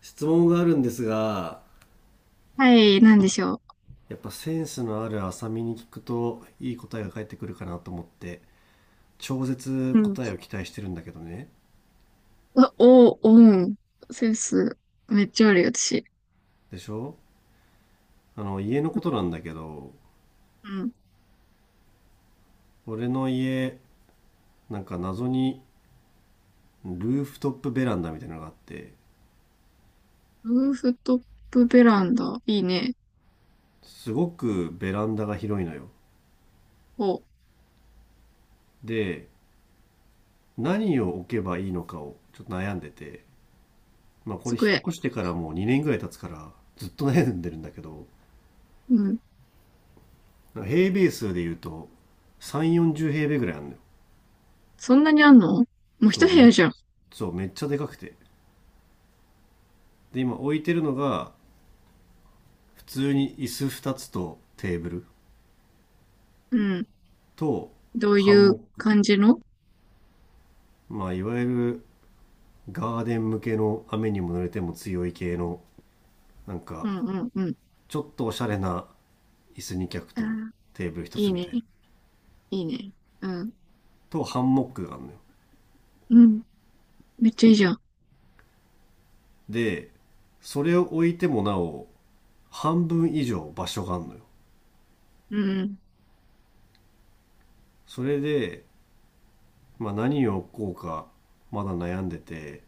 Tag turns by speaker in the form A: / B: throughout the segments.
A: 質問があるんですが、
B: はい、なんでしょ
A: やっぱセンスのある浅見に聞くといい答えが返ってくるかなと思って、超絶
B: う。うん。
A: 答えを期待してるんだけどね。
B: あお、オン、センス、めっちゃあるよ、私。
A: でしょ。あの家のことなんだけど、
B: うん。
A: 俺の家、なんか謎にルーフトップベランダみたいなのがあって、
B: ルーフトップベランダ、いいね。
A: すごくベランダが広いのよ。
B: お、
A: で、何を置けばいいのかをちょっと悩んでて、まあこれ引っ
B: 机。
A: 越してからもう2年ぐらい経つから、ずっと悩んでるんだけど、
B: うん。
A: 平米数で言うと3、40平米ぐらいあるのよ。
B: そんなにあんのもう一
A: そ
B: 部
A: う、
B: 屋
A: め、
B: じゃん。
A: そう、めっちゃでかくて。で、今置いてるのが、普通に椅子2つとテーブル
B: うん。
A: と
B: どう
A: ハ
B: い
A: ン
B: う
A: モック。
B: 感じの？
A: まあ、いわゆるガーデン向けの雨にも濡れても強い系の、なん
B: う
A: か、
B: んうんうん。
A: ちょっとおしゃれな椅子2脚
B: あ
A: と
B: ー、
A: テーブル1
B: い
A: つ
B: い
A: み
B: ね。
A: たいな。
B: いいね。うん。
A: とハンモックがあるのよ。
B: うん。めっちゃいいじゃん。
A: で、それを置いてもなお、半分以上場所があるのよ。
B: うんうん。
A: それで、まあ、何をこうか、まだ悩んでて、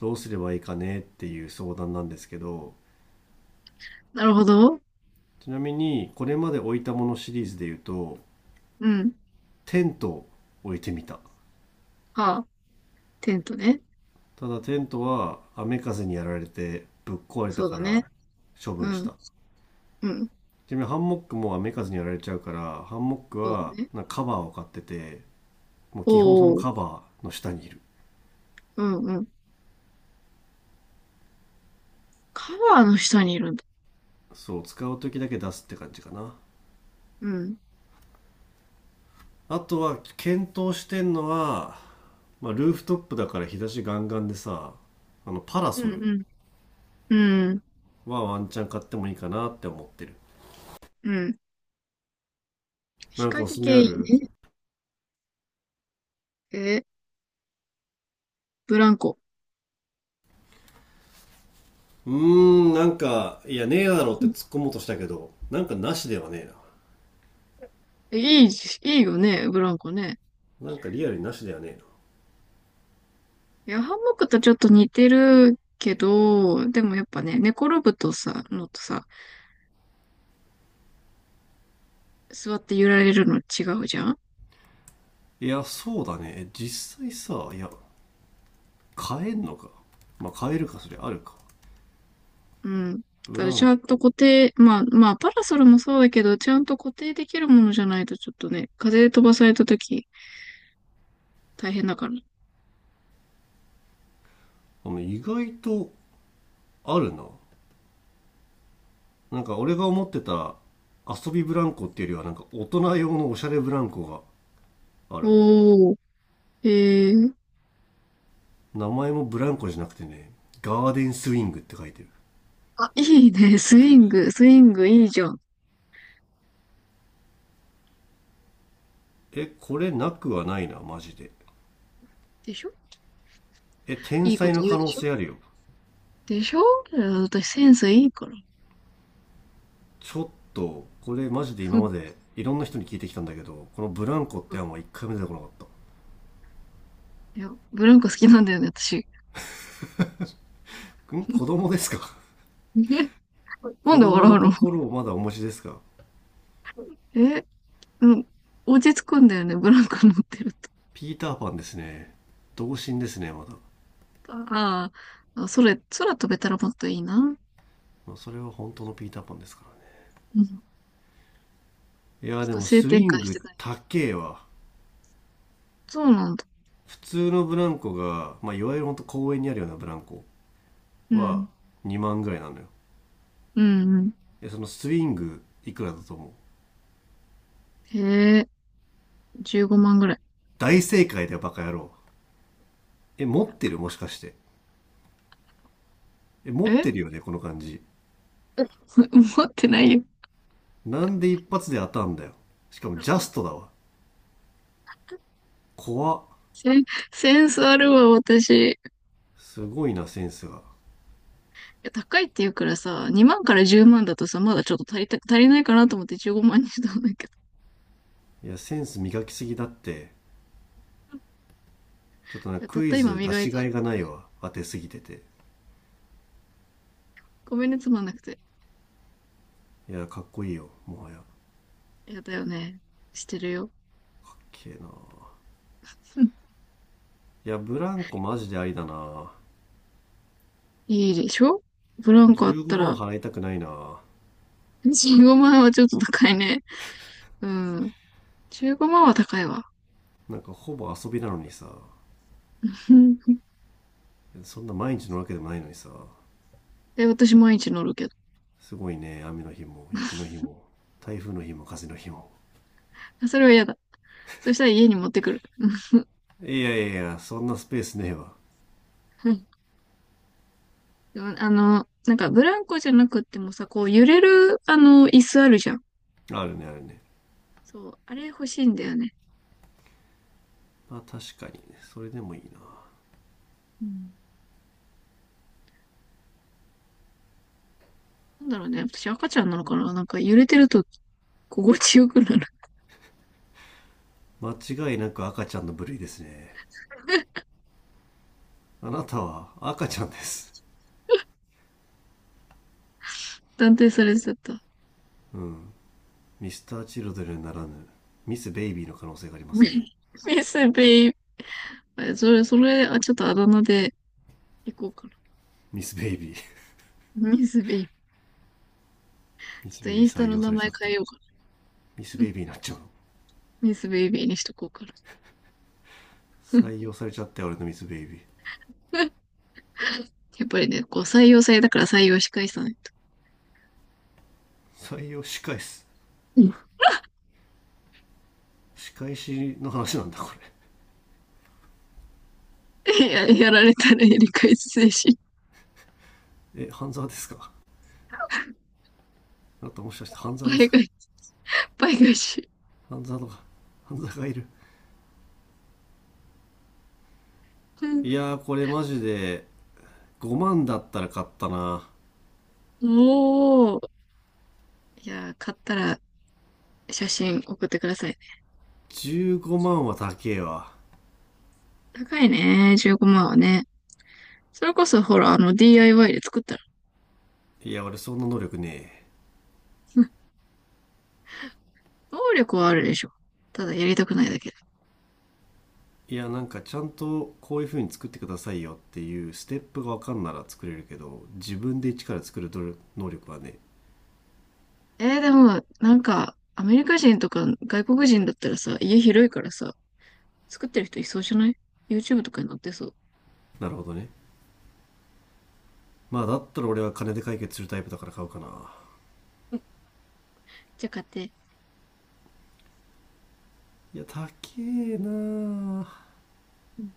A: どうすればいいかねっていう相談なんですけど、
B: なるほど。
A: ちなみにこれまで置いたものシリーズで言うと、
B: うん。
A: テントを置いてみた。
B: はあ、テントね。
A: ただテントは雨風にやられてぶっ壊れた
B: そう
A: か
B: だね。
A: ら処
B: う
A: 分し
B: ん。
A: た。
B: うん。
A: ちなみにハンモックも雨風にやられちゃうから、ハンモック
B: そう
A: は
B: だね。
A: なんかカバーを買ってて、もう基本その
B: おーお
A: カ
B: ー。
A: バーの下にいる。
B: うんうん。カバーの下にいるんだ。
A: そう、使う時だけ出すって感じかな。
B: うん。
A: あとは検討してんのは、まあ、ルーフトップだから日差しガンガンでさ、あのパラ
B: う
A: ソル
B: ん、うん、うん、
A: はワンチャン買ってもいいかなって思ってる。
B: うん。
A: な
B: 日
A: んかおす
B: 陰
A: すめ
B: 系
A: あ
B: いい
A: る？
B: ね。え、ブランコ。
A: うーん、なんかいやねえだろって突っ込もうとしたけど、なんかなしではねえ。
B: えいい、いいよね、ブランコね。
A: なんかリアルになしではねえ。
B: いや、ハンモックとちょっと似てるけど、でもやっぱね、寝転ぶとさ、のとさ、座って揺られるの違うじゃん。
A: な、いや、そうだねえ、実際さ、いや、買えんのか？まあ買えるか、それあるか。
B: うん。だ
A: ブ
B: か
A: ラ
B: らち
A: ン
B: ゃん
A: コ、
B: と固定、まあ、まあ、パラソルもそうだけど、ちゃんと固定できるものじゃないとちょっとね、風で飛ばされた時大変だから。
A: あの、意外とあるな。なんか俺が思ってた遊びブランコっていうよりは、なんか大人用のおしゃれブランコがあるわ。
B: おー、えー、
A: 名前もブランコじゃなくてね、ガーデンスイングって書いてる。
B: あ、いいね、スイング、スイングいいじゃん。
A: え、これなくはないなマジで。
B: でしょ？
A: え、天
B: いいこ
A: 才
B: と
A: の
B: 言う
A: 可
B: で
A: 能
B: しょ？
A: 性あるよ。
B: でしょ？いや、私センスいいから。
A: ちょっとこれマジで
B: ふ
A: 今
B: っ
A: までいろんな人に聞いてきたんだけど、このブランコっ
B: ふ、
A: て案は一回も出てこなかっ
B: いや、ブランコ好きなんだよね、私。
A: た ん、
B: ふっ、
A: 子供ですか？
B: え、 なん
A: 子
B: で
A: 供
B: 笑
A: の
B: うの？
A: 心をまだお持ちですか？
B: え、うん、落ち着くんだよね、ブランコ乗ってると。
A: ピーターパンですね、童心ですねまだ。
B: ああ、あ、それ、空飛べたらもっといいな。
A: まあそれは本当のピーターパンですからね。
B: うん。ちょ
A: いやー、
B: っ
A: で
B: と
A: も
B: 性
A: ス
B: 転
A: イ
B: 換
A: ン
B: して
A: グ
B: くれ。
A: 高えわ。
B: そうなんだ。
A: 普通のブランコが、まあ、いわゆるほんと公園にあるようなブランコ
B: う
A: は
B: ん。
A: 2万ぐらいなのよ。
B: うんうん。
A: え、そのスイングいくらだと思う？
B: へえ、15万ぐらい。
A: 大正解だよ、バカ野郎。え、持ってるもしかして？え、持っ
B: え
A: てるよねこの感じ。
B: 持ってないよ。
A: なんで一発で当たんだよ。しかもジャストだわ。怖っ。
B: セン、センスあるわ、私。
A: すごいな、センスが。
B: や、高いって言うからさ、2万から10万だとさ、まだちょっと足りないかなと思って15万にしたんだけど。
A: いや、センス磨きすぎだって。ちょっと
B: い
A: ね、
B: や、たっ
A: クイ
B: た今
A: ズ出
B: 磨い
A: しが
B: た。
A: いがないわ、当てすぎてて。
B: ごめんね、つまんなくて。
A: いや、かっこいいよもはや。
B: いやだよね。してるよ。
A: けえな。
B: うん。
A: いや、ブランコマジでありだな。
B: いいでしょ？ブランコあっ
A: 15
B: た
A: 万
B: ら、
A: 払いたくないな。
B: 15万はちょっと高いね。うん。15万は高いわ。
A: なんかほぼ遊びなのにさ。そんな毎日のわけでもないのにさ。
B: え、私毎日乗るけ
A: すごいね、雨の日も、雪の日も、台風の日も、風の日も。
B: ど。それは嫌だ。そしたら家に持ってくる。
A: いやいやいや、そんなスペースねえわ。
B: うん。でも、あの、なんかブランコじゃなくってもさ、こう揺れる、あの、椅子あるじゃん。
A: あるね、あるね。
B: そう、あれ欲しいんだよね。
A: まあ確かにね、それでもいいな。
B: うん。なんだろうね。私赤ちゃんなのかな？なんか揺れてると心地よくなる。
A: 間違いなく赤ちゃんの部類ですね。あなたは赤ちゃんです。
B: 断定されちゃった。
A: ミスターチルドレンならぬ、ミスベイビーの可能性があります
B: ミ
A: ね。
B: ミスベイブ。それ、それ、あ、ちょっとあだ名で行こうか
A: ミスベイビー。
B: な。ミスベイブ。
A: ミ
B: ちょっ
A: ス
B: と
A: ベイ
B: イ
A: ビー
B: ンスタ
A: 採
B: の
A: 用さ
B: 名
A: れち
B: 前
A: ゃった
B: 変え
A: よ。
B: ようかな。
A: ミス
B: う
A: ベイ
B: ん。
A: ビーになっちゃうの。
B: ミスベイビーにしとこうかな。
A: 採用されちゃって俺のミスベイビー。
B: やっぱりね、こう採用されたから採用し返さないと。
A: 採用仕返す。
B: うん。
A: 仕返しの話なんだこ
B: いや、やられたらやり返す精神。
A: れ、え、半沢ですか？あなたもしかして半沢で
B: 倍
A: すか？
B: 返し、倍返し。
A: 半沢とか、半沢がいる。
B: うん。
A: いやー、これマジで5万だったら買ったな。
B: おー。いや、買ったら写真送ってくださいね。
A: 15万は高えわ。
B: 高いね、15万はね。それこそ、ほら、あの、DIY で作ったら。
A: いや、俺そんな能力ねえ。
B: 能力はあるでしょ。ただ、やりたくないだけで。
A: いや、なんかちゃんとこういう風に作ってくださいよっていうステップが分かんなら作れるけど、自分で一から作る能力はね。
B: でも、なんか、アメリカ人とか外国人だったらさ、家広いからさ、作ってる人いそうじゃない ?YouTube とかに載ってそう。
A: なるほどね。まあだったら俺は金で解決するタイプだから買うかな。
B: じゃあ、買って。
A: いや、高えなあ。
B: うん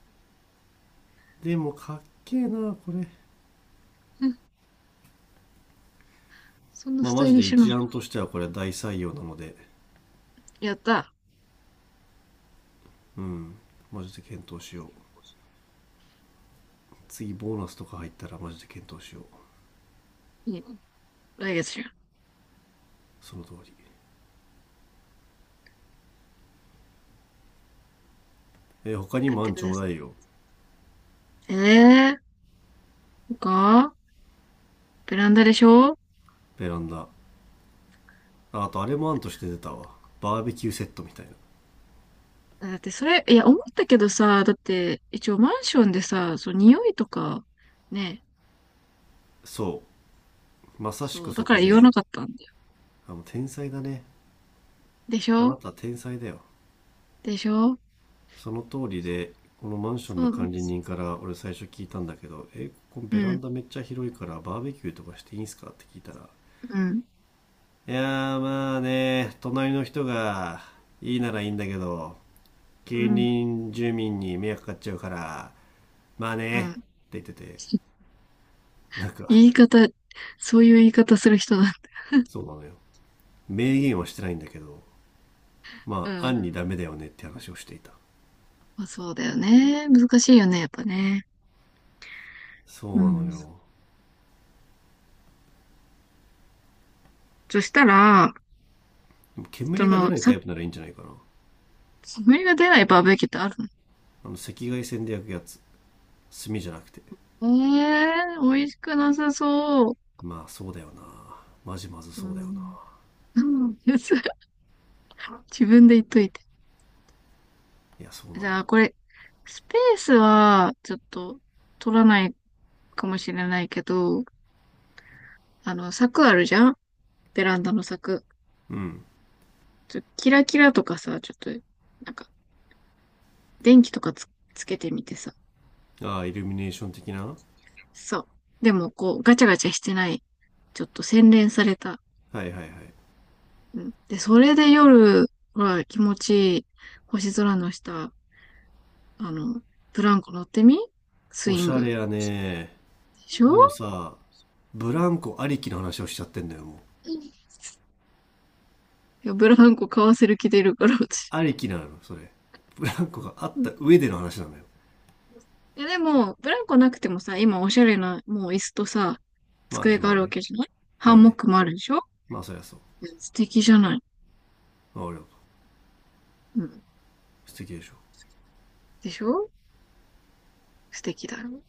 A: でも、かっけえなあこれ。
B: うん。そんな
A: まあ、
B: スタ
A: マ
B: イ
A: ジ
B: リッ
A: で
B: シュな
A: 一
B: の。
A: 案としてはこれは大採用なので、
B: やった。
A: マジで検討しよう。次、ボーナスとか入ったらマジで検討しよう。
B: いいね。来月じゃん。
A: その通り。他に
B: 買っ
A: も
B: て
A: 案
B: く
A: ち
B: だ
A: ょう
B: さい。
A: だいよ。
B: ええー、そっか。ベランダでしょ？
A: ベランダ。ああと、あれも案として出たわ。バーベキューセットみたいな。
B: だってそれ、いや、思ったけどさ、だって、一応マンションでさ、そう、匂いとか、ね、
A: そう。まさし
B: そ
A: く
B: う、だ
A: そ
B: から
A: こ
B: 言わな
A: で、
B: かったんだ。
A: あ、もう天才だね。
B: でし
A: あな
B: ょ？
A: た天才だよ。
B: でしょ？
A: その通りで、このマンション
B: そ
A: の
B: うなんで
A: 管理
B: す
A: 人から俺最初聞いたんだけど、え、ここ
B: よ。う
A: ベラン
B: ん、
A: ダめっちゃ広いからバーベキューとかしていいんすかって聞いたら、
B: うん、
A: いやーまあね、隣の人がいいならいいんだけど、
B: う
A: 近
B: ん、
A: 隣住民に迷惑かかっちゃうから、まあ
B: う
A: ね、
B: ん。
A: って言ってて、なんか、
B: 言い方、そういう言い方する人だ。
A: そうなのよ。明言はしてないんだけど、
B: う
A: まあ、
B: ん。
A: 案にダメだよねって話をしていた。
B: まあ、そうだよね。難しいよね、やっぱね。
A: そ
B: う
A: うなの
B: ん。
A: よ。
B: そしたら、そ
A: 煙が出
B: の、
A: ないタ
B: さ、
A: イプならいいんじゃないかな。
B: 煙が出ないバーベキューってあるの？
A: あの、赤外線で焼くやつ。炭じゃなくて。
B: ええー、美味しくなさそう。
A: まあそうだよな、マジまず
B: う
A: そうだよな。
B: ん。うんやつ、 自分で言っといて。
A: いや、そうなの
B: じ
A: よ。
B: ゃあ、これ、スペースは、ちょっと、取らないかもしれないけど、あの、柵あるじゃん、ベランダの柵。
A: うん、
B: ちょっとキラキラとかさ、ちょっと、なんか、電気とかつけてみてさ。
A: ああ、イルミネーション的なは、
B: そう。でも、こう、ガチャガチャしてない。ちょっと洗練された。
A: いはいはい。
B: うん。で、それで夜は気持ちいい星空の下、あの、ブランコ乗ってみ、ス
A: お
B: イ
A: し
B: ン
A: ゃれ
B: グ。
A: やね。
B: でしょ？
A: でもさ、ブランコありきの話をしちゃってんだよもう。
B: いや、ブランコ買わせる気出るから、私。
A: ありきなのそれ？ブランコがあっ
B: うん。
A: た上での話なのよ。
B: いや、でも、ブランコなくてもさ、今おしゃれな、もう椅子とさ、
A: まあ
B: 机
A: ね、
B: が
A: ま
B: あ
A: あ
B: るわ
A: ね。
B: けじゃない？ハ
A: まあ
B: ンモッ
A: ね、
B: クもあるでしょ？
A: まあそりゃそう。
B: うん、素敵じゃない。
A: まあ俺は、
B: うん。
A: 素敵でしょ？
B: でしょ？素敵だよ。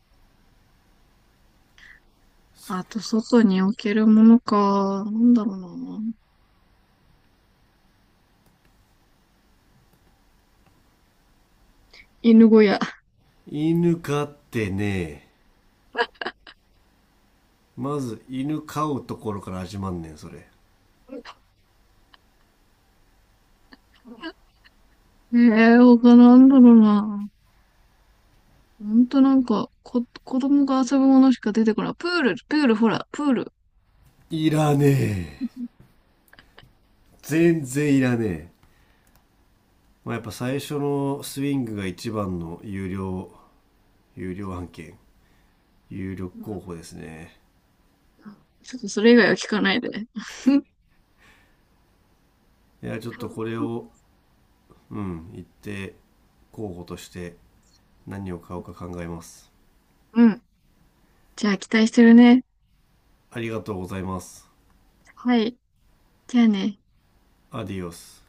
A: そ
B: あと、
A: う。
B: 外に置けるものか、なんだろうな。犬小屋。
A: 犬飼ってね、まず犬飼うところから始まんねんそれ。
B: ええー、他なんだろうな。ほんとなんか、子供が遊ぶものしか出てこない。プール、プール、ほら、プール。
A: いらねえ、全然いらねえ。まあ、やっぱ最初のスイングが一番の有料、有料案件、有力
B: う
A: 候
B: ん。
A: 補ですね。
B: ちょっとそれ以外は聞かないで。
A: いや、ちょっとこれを、うん、一定候補として、何を買おうか考えます。
B: うん。じゃあ、期待してるね。
A: ありがとうございます。
B: はい。じゃあね。
A: アディオス。